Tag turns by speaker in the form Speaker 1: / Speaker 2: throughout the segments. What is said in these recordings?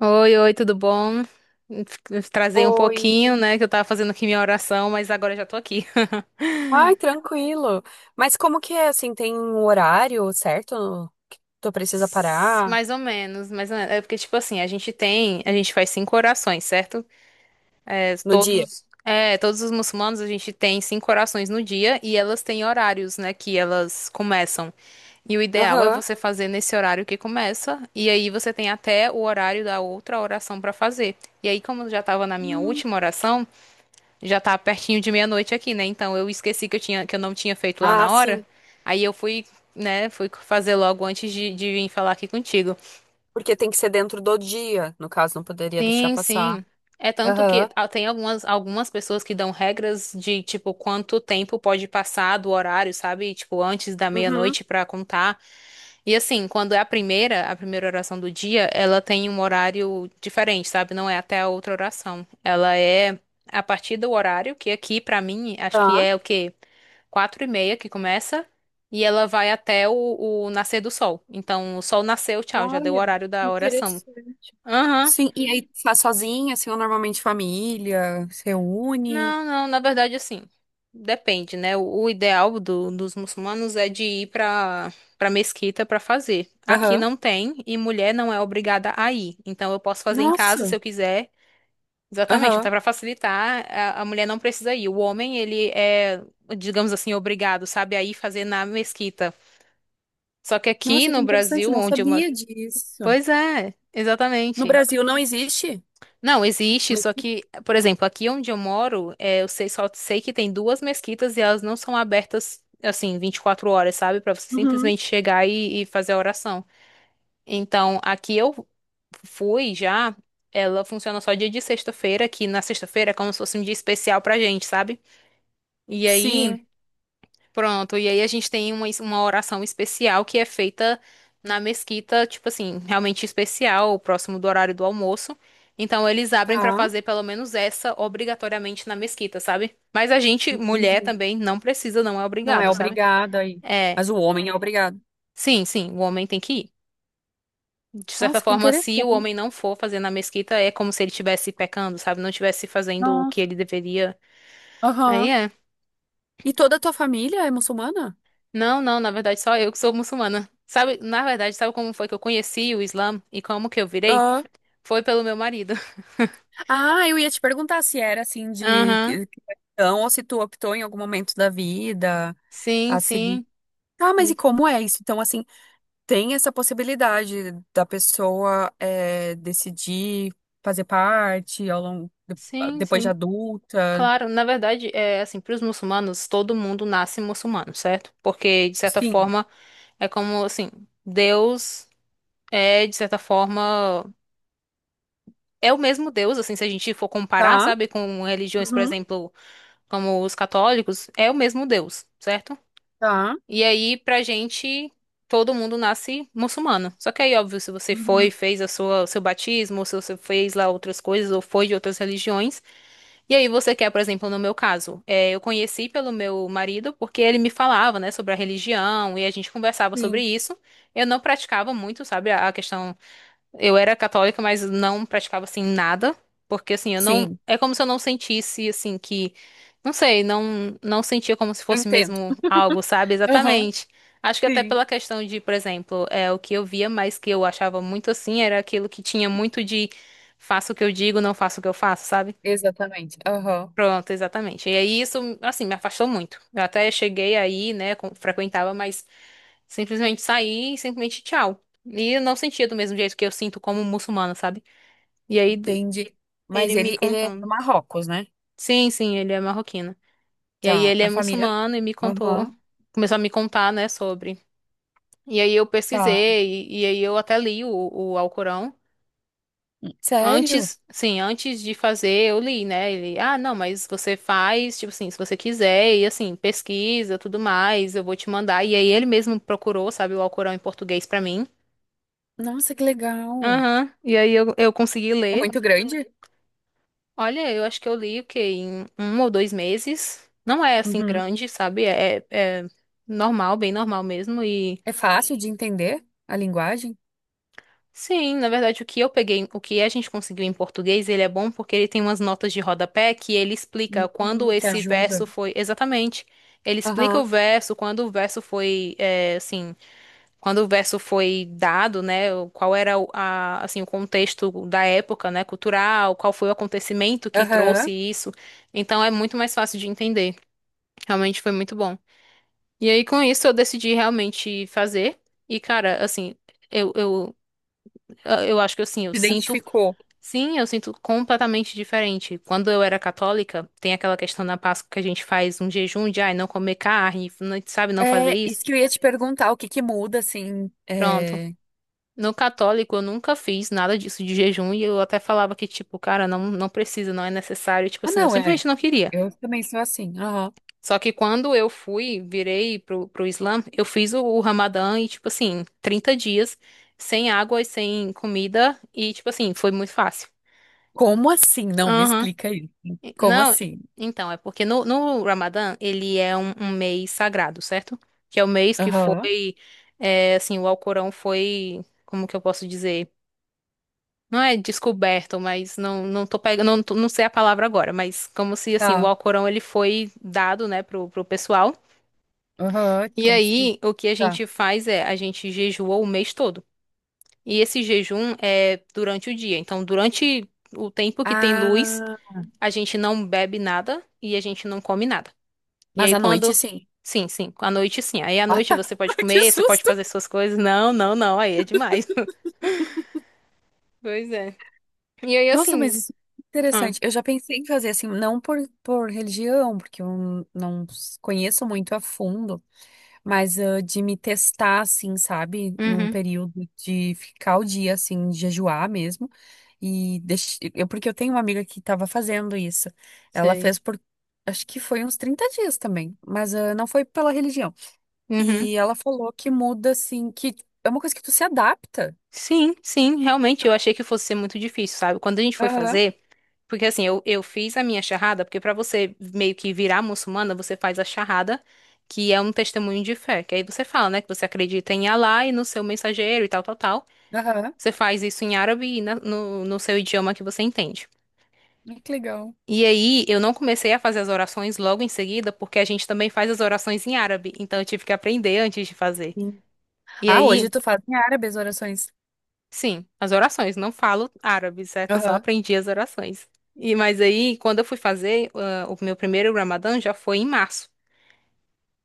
Speaker 1: Oi, oi, tudo bom? Trazer um
Speaker 2: Oi.
Speaker 1: pouquinho, né, que eu tava fazendo aqui minha oração, mas agora eu já tô aqui.
Speaker 2: Ai, tranquilo. Mas como que é assim? Tem um horário certo que tu precisa parar
Speaker 1: Mais ou menos, mais ou menos. É porque, tipo assim, a gente faz 5 orações, certo?
Speaker 2: no dia?
Speaker 1: Todos os muçulmanos, a gente tem 5 orações no dia e elas têm horários, né, que elas começam. E o ideal é
Speaker 2: Aham.
Speaker 1: você fazer nesse horário que começa, e aí você tem até o horário da outra oração pra fazer. E aí, como eu já tava na minha
Speaker 2: Hum.
Speaker 1: última oração, já tá pertinho de meia-noite aqui, né? Então eu esqueci que eu não tinha feito lá
Speaker 2: Ah,
Speaker 1: na hora.
Speaker 2: sim.
Speaker 1: Aí eu fui, né, fui fazer logo de vir falar aqui contigo.
Speaker 2: Porque tem que ser dentro do dia. No caso, não poderia deixar
Speaker 1: Sim,
Speaker 2: passar.
Speaker 1: sim. É tanto que
Speaker 2: Aham.
Speaker 1: tem algumas pessoas que dão regras de, tipo, quanto tempo pode passar do horário, sabe? Tipo, antes da
Speaker 2: Uhum.
Speaker 1: meia-noite pra contar. E assim, quando é a primeira oração do dia, ela tem um horário diferente, sabe? Não é até a outra oração. Ela é a partir do horário, que aqui, pra mim, acho que
Speaker 2: Tá.
Speaker 1: é o quê? 4h30 que começa. E ela vai até o nascer do sol. Então, o sol nasceu, tchau, já deu o
Speaker 2: Olha,
Speaker 1: horário da oração.
Speaker 2: interessante.
Speaker 1: Aham.
Speaker 2: Sim, e aí tu faz sozinha, assim, ou normalmente família, se reúne?
Speaker 1: Não, não, na verdade, assim, depende, né? O ideal dos muçulmanos é de ir pra para mesquita pra fazer. Aqui
Speaker 2: Aham.
Speaker 1: não tem e mulher não é obrigada a ir. Então eu posso fazer em casa se
Speaker 2: Nossa.
Speaker 1: eu quiser. Exatamente, até
Speaker 2: Aham.
Speaker 1: pra facilitar, a mulher não precisa ir. O homem, digamos assim, obrigado, sabe, a ir fazer na mesquita. Só que aqui
Speaker 2: Nossa, que
Speaker 1: no
Speaker 2: interessante,
Speaker 1: Brasil,
Speaker 2: não
Speaker 1: onde eu moro.
Speaker 2: sabia disso.
Speaker 1: Pois é,
Speaker 2: No
Speaker 1: exatamente.
Speaker 2: Brasil não existe?
Speaker 1: Não, existe, só que, por exemplo, aqui onde eu moro, é, eu sei, só sei que tem duas mesquitas e elas não são abertas, assim, 24 horas, sabe? Pra você
Speaker 2: Uhum.
Speaker 1: simplesmente chegar e fazer a oração. Então, aqui eu fui já, ela funciona só dia de sexta-feira, que na sexta-feira é como se fosse um dia especial pra gente, sabe? E aí.
Speaker 2: Sim,
Speaker 1: Pronto, e aí a gente tem uma oração especial que é feita na mesquita, tipo assim, realmente especial, próximo do horário do almoço. Então eles abrem pra
Speaker 2: tá.
Speaker 1: fazer pelo menos essa obrigatoriamente na mesquita, sabe? Mas a gente, mulher
Speaker 2: Entendi.
Speaker 1: também, não precisa, não é
Speaker 2: Não é
Speaker 1: obrigado, sabe?
Speaker 2: obrigada aí.
Speaker 1: É,
Speaker 2: Mas o homem é obrigado.
Speaker 1: sim, sim, o homem tem que ir. De certa
Speaker 2: Nossa, que
Speaker 1: forma, se o
Speaker 2: interessante.
Speaker 1: homem não for fazer na mesquita, é como se ele estivesse pecando, sabe? Não estivesse fazendo o que
Speaker 2: Nossa.
Speaker 1: ele deveria. Aí
Speaker 2: Aham.
Speaker 1: é,
Speaker 2: E toda a tua família é muçulmana?
Speaker 1: não, não, na verdade só eu que sou muçulmana. Sabe, na verdade, sabe como foi que eu conheci o Islã e como que eu virei?
Speaker 2: Ah.
Speaker 1: Foi pelo meu marido.
Speaker 2: Ah, eu ia te perguntar se era assim de
Speaker 1: Aham.
Speaker 2: cristão ou se tu optou em algum momento da vida
Speaker 1: Sim,
Speaker 2: a seguir.
Speaker 1: sim.
Speaker 2: Ah, mas
Speaker 1: Hum,
Speaker 2: e como é isso? Então, assim, tem essa possibilidade da pessoa decidir fazer parte ao longo,
Speaker 1: sim,
Speaker 2: depois de
Speaker 1: sim.
Speaker 2: adulta.
Speaker 1: Claro, na verdade, é assim, para os muçulmanos, todo mundo nasce muçulmano, certo? Porque, de certa
Speaker 2: Sim.
Speaker 1: forma, é como assim, Deus é, de certa forma, é o mesmo Deus, assim, se a gente for comparar,
Speaker 2: Tá.
Speaker 1: sabe, com religiões, por
Speaker 2: Uhum.
Speaker 1: exemplo, como os católicos, é o mesmo Deus, certo?
Speaker 2: Tá.
Speaker 1: E aí, pra gente, todo mundo nasce muçulmano. Só que aí, óbvio, se você foi,
Speaker 2: Uhum.
Speaker 1: fez o seu batismo, ou se você fez lá outras coisas, ou foi de outras religiões, e aí você quer, por exemplo, no meu caso, eu conheci pelo meu marido, porque ele me falava, né, sobre a religião, e a gente conversava sobre
Speaker 2: Sim,
Speaker 1: isso. Eu não praticava muito, sabe, a questão eu era católica, mas não praticava assim nada, porque assim, eu não,
Speaker 2: sim,
Speaker 1: é como se eu não sentisse assim que, não sei, não sentia como se
Speaker 2: eu
Speaker 1: fosse
Speaker 2: entendo.
Speaker 1: mesmo algo, sabe?
Speaker 2: Aham,
Speaker 1: Exatamente. Acho que até
Speaker 2: sim,
Speaker 1: pela questão de, por exemplo, é o que eu via, mas que eu achava muito assim, era aquilo que tinha muito de faço o que eu digo, não faço o que eu faço, sabe?
Speaker 2: exatamente. Aham,
Speaker 1: Pronto, exatamente. E aí isso, assim, me afastou muito. Eu até cheguei aí, né, frequentava, mas simplesmente saí e simplesmente tchau. E eu não sentia do mesmo jeito que eu sinto como muçulmana, sabe? E aí d-
Speaker 2: entendi.
Speaker 1: ele
Speaker 2: Mas
Speaker 1: me
Speaker 2: ele é do
Speaker 1: contando.
Speaker 2: Marrocos, né?
Speaker 1: Sim, sim, ele é marroquino. E aí
Speaker 2: Tá,
Speaker 1: ele
Speaker 2: a
Speaker 1: é
Speaker 2: família.
Speaker 1: muçulmano e me contou,
Speaker 2: Aham,
Speaker 1: começou a me contar, né, sobre. E aí eu
Speaker 2: tá.
Speaker 1: pesquisei, e aí eu até li o Alcorão.
Speaker 2: Sério?
Speaker 1: Antes, sim, antes de fazer, eu li, né? Ele, ah, não, mas você faz, tipo assim, se você quiser, e assim, pesquisa, tudo mais, eu vou te mandar. E aí ele mesmo procurou, sabe, o Alcorão em português pra mim.
Speaker 2: Nossa, que legal.
Speaker 1: Aham, e aí eu consegui
Speaker 2: É
Speaker 1: ler.
Speaker 2: muito grande?
Speaker 1: Olha, eu acho que eu li o quê? Em um ou dois meses. Não é assim
Speaker 2: Uhum.
Speaker 1: grande, sabe? É normal, bem normal mesmo. E
Speaker 2: É fácil de entender a linguagem?
Speaker 1: sim, na verdade, o que eu peguei, o que a gente conseguiu em português, ele é bom porque ele tem umas notas de rodapé que ele explica quando
Speaker 2: Que
Speaker 1: esse
Speaker 2: ajuda.
Speaker 1: verso foi. Exatamente. Ele explica o
Speaker 2: Aham,
Speaker 1: verso, quando o verso foi, é, assim, quando o verso foi dado, né? Qual era assim, o contexto da época, né? Cultural, qual foi o acontecimento que trouxe
Speaker 2: aham.
Speaker 1: isso. Então é muito mais fácil de entender. Realmente foi muito bom. E aí, com isso, eu decidi realmente fazer. E, cara, assim, eu, eu, eu acho que assim, eu
Speaker 2: Se
Speaker 1: sinto.
Speaker 2: identificou.
Speaker 1: Sim, eu sinto completamente diferente. Quando eu era católica, tem aquela questão na Páscoa que a gente faz um jejum de, ai, não comer carne, sabe, não fazer
Speaker 2: É,
Speaker 1: isso.
Speaker 2: isso que eu ia te perguntar, o que que muda, assim,
Speaker 1: Pronto.
Speaker 2: é...
Speaker 1: No católico, eu nunca fiz nada disso de jejum e eu até falava que, tipo, cara, não precisa, não é necessário. Tipo
Speaker 2: Ah,
Speaker 1: assim, eu
Speaker 2: não, é.
Speaker 1: simplesmente não queria.
Speaker 2: Eu também sou assim.
Speaker 1: Só que quando eu fui, virei pro Islã, eu fiz o Ramadã e, tipo assim, 30 dias sem água e sem comida e, tipo assim, foi muito fácil.
Speaker 2: Como assim? Não, me
Speaker 1: Aham.
Speaker 2: explica aí. Como
Speaker 1: Não,
Speaker 2: assim?
Speaker 1: então, é porque no Ramadã ele é um mês sagrado, certo? Que é o mês que
Speaker 2: Aham,
Speaker 1: foi, é, assim, o Alcorão foi, como que eu posso dizer? Não é descoberto, mas não, não tô pegando, não sei a palavra agora, mas como se, assim, o
Speaker 2: tá.
Speaker 1: Alcorão ele foi dado, né, pro pessoal.
Speaker 2: Aham,
Speaker 1: E
Speaker 2: como assim?
Speaker 1: aí, o que a
Speaker 2: Tá.
Speaker 1: gente faz é, a gente jejua o mês todo. E esse jejum é durante o dia. Então, durante o tempo que tem luz,
Speaker 2: Ah,
Speaker 1: a gente não bebe nada e a gente não come nada. E
Speaker 2: mas
Speaker 1: aí,
Speaker 2: à noite,
Speaker 1: quando.
Speaker 2: sim.
Speaker 1: Sim, sim, à noite sim. Aí à
Speaker 2: Ah,
Speaker 1: noite
Speaker 2: tá.
Speaker 1: você pode
Speaker 2: Que
Speaker 1: comer, você pode
Speaker 2: susto!
Speaker 1: fazer suas coisas. Não, não, não, aí é demais. Pois é. E aí,
Speaker 2: Nossa, mas
Speaker 1: assim.
Speaker 2: isso é
Speaker 1: Ah,
Speaker 2: interessante. Eu já pensei em fazer assim, não por, por religião, porque eu não conheço muito a fundo, mas de me testar, assim, sabe? Num
Speaker 1: uhum,
Speaker 2: período de ficar o dia, assim, de jejuar mesmo. E deix... eu, porque eu tenho uma amiga que estava fazendo isso. Ela
Speaker 1: sei.
Speaker 2: fez por, acho que foi uns 30 dias também, mas não foi pela religião.
Speaker 1: Uhum.
Speaker 2: E ela falou que muda, assim, que é uma coisa que tu se adapta.
Speaker 1: Sim, sim, realmente eu achei que fosse ser muito difícil, sabe? Quando a gente foi
Speaker 2: Aham,
Speaker 1: fazer. Porque assim, eu fiz a minha charrada, porque pra você meio que virar muçulmana, você faz a charrada, que é um testemunho de fé. Que aí você fala, né, que você acredita em Alá e no seu mensageiro e tal, tal, tal.
Speaker 2: aham.
Speaker 1: Você faz isso em árabe e no seu idioma que você entende.
Speaker 2: Ai, que legal.
Speaker 1: E aí, eu não comecei a fazer as orações logo em seguida, porque a gente também faz as orações em árabe. Então, eu tive que aprender antes de fazer.
Speaker 2: Sim.
Speaker 1: E
Speaker 2: Ah,
Speaker 1: aí.
Speaker 2: hoje tu faz em árabe as orações.
Speaker 1: Sim, as orações. Não falo árabe, certo? Só
Speaker 2: Aham.
Speaker 1: aprendi as orações. E mas aí, quando eu fui fazer, ah, o meu primeiro Ramadã já foi em março.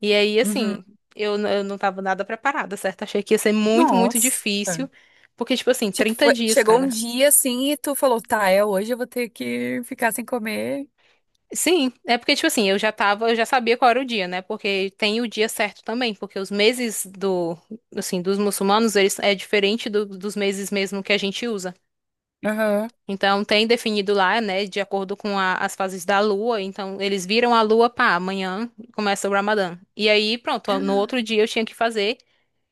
Speaker 1: E aí,
Speaker 2: Uhum.
Speaker 1: assim, eu não tava nada preparada, certo? Achei que ia ser muito, muito
Speaker 2: Nossa.
Speaker 1: difícil. Porque, tipo assim,
Speaker 2: Tipo,
Speaker 1: 30 dias,
Speaker 2: chegou um
Speaker 1: cara.
Speaker 2: dia assim e tu falou, tá, é hoje eu vou ter que ficar sem comer.
Speaker 1: Sim, é porque, tipo assim, eu já sabia qual era o dia, né? Porque tem o dia certo também, porque os meses assim, dos muçulmanos, eles é diferente dos meses mesmo que a gente usa.
Speaker 2: Aham.
Speaker 1: Então, tem definido lá, né, de acordo com as fases da lua. Então, eles viram a lua, pá, amanhã começa o Ramadã. E aí, pronto, no outro dia eu tinha que fazer.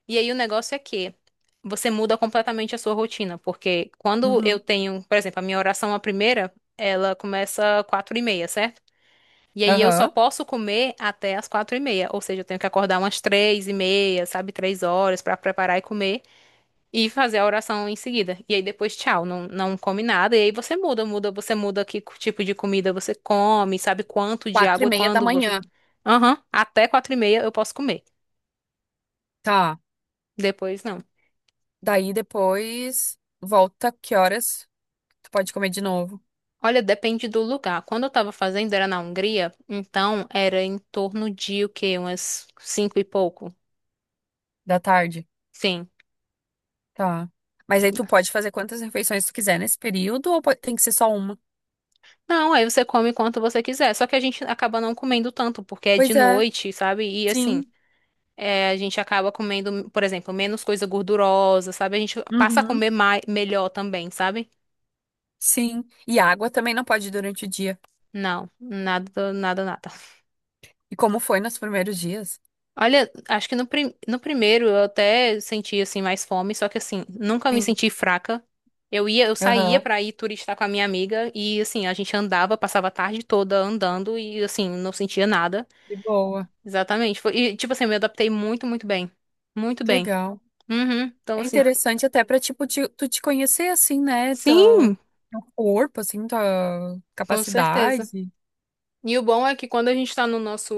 Speaker 1: E aí, o negócio é que você muda completamente a sua rotina, porque quando eu
Speaker 2: Uhum.
Speaker 1: tenho, por exemplo, a minha oração, a primeira, ela começa 4h30, certo? E aí, eu só
Speaker 2: Aham.
Speaker 1: posso comer até as 4h30, ou seja, eu tenho que acordar umas 3h30, sabe, 3 horas para preparar e comer. E fazer a oração em seguida. E aí depois, tchau, não, não come nada. E aí você você muda que tipo de comida você come, sabe quanto de
Speaker 2: Quatro e
Speaker 1: água e
Speaker 2: meia da
Speaker 1: quando você.
Speaker 2: manhã.
Speaker 1: Aham, até 4h30 eu posso comer.
Speaker 2: Tá.
Speaker 1: Depois não.
Speaker 2: Daí depois volta que horas tu pode comer de novo
Speaker 1: Olha, depende do lugar. Quando eu tava fazendo era na Hungria, então era em torno de o quê? Umas cinco e pouco.
Speaker 2: da tarde.
Speaker 1: Sim.
Speaker 2: Tá. Mas aí tu pode fazer quantas refeições tu quiser nesse período ou tem que ser só uma?
Speaker 1: Não, aí você come quanto você quiser. Só que a gente acaba não comendo tanto, porque é de
Speaker 2: Pois é.
Speaker 1: noite, sabe? E assim.
Speaker 2: Sim.
Speaker 1: É, a gente acaba comendo, por exemplo, menos coisa gordurosa, sabe? A gente passa a
Speaker 2: Uhum.
Speaker 1: comer mais, melhor também, sabe?
Speaker 2: Sim. E água também não pode durante o dia.
Speaker 1: Não, nada, nada, nada.
Speaker 2: E como foi nos primeiros dias?
Speaker 1: Olha, acho que no primeiro eu até senti assim mais fome, só que assim, nunca me
Speaker 2: Sim.
Speaker 1: senti fraca. Eu saía
Speaker 2: Aham.
Speaker 1: pra ir turistar com a minha amiga e assim, a gente andava, passava a tarde toda andando e assim, não sentia nada.
Speaker 2: De boa.
Speaker 1: Exatamente. E tipo assim, eu me adaptei muito, muito bem. Muito
Speaker 2: Que
Speaker 1: bem.
Speaker 2: legal.
Speaker 1: Uhum. Então
Speaker 2: É
Speaker 1: assim,
Speaker 2: interessante até pra, tipo, tu te conhecer, assim, né? Teu,
Speaker 1: sim,
Speaker 2: teu corpo, assim, tua
Speaker 1: com certeza.
Speaker 2: capacidade.
Speaker 1: E o bom é que quando a gente está no nosso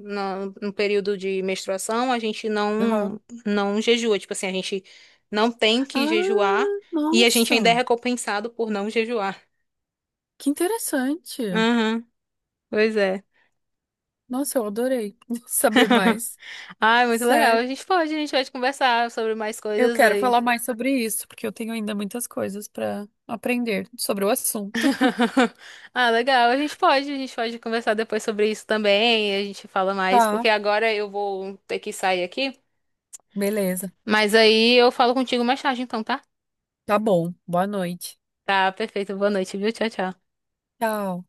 Speaker 1: na- no, período de menstruação, a gente
Speaker 2: Aham.
Speaker 1: não não jejua, tipo assim, a gente não tem que jejuar
Speaker 2: Ah,
Speaker 1: e a gente ainda é
Speaker 2: nossa,
Speaker 1: recompensado por não jejuar.
Speaker 2: que interessante.
Speaker 1: Aham, pois é.
Speaker 2: Nossa, eu adorei saber mais.
Speaker 1: Ai, muito legal.
Speaker 2: Sério.
Speaker 1: A gente pode conversar sobre mais
Speaker 2: Eu
Speaker 1: coisas
Speaker 2: quero
Speaker 1: aí.
Speaker 2: falar mais sobre isso, porque eu tenho ainda muitas coisas pra aprender sobre o assunto.
Speaker 1: Ah, legal. A gente pode conversar depois sobre isso também. A gente fala mais,
Speaker 2: Tá,
Speaker 1: porque agora eu vou ter que sair aqui.
Speaker 2: beleza.
Speaker 1: Mas aí eu falo contigo mais tarde, então, tá?
Speaker 2: Tá bom. Boa noite.
Speaker 1: Tá, perfeito. Boa noite, viu? Tchau, tchau.
Speaker 2: Tchau.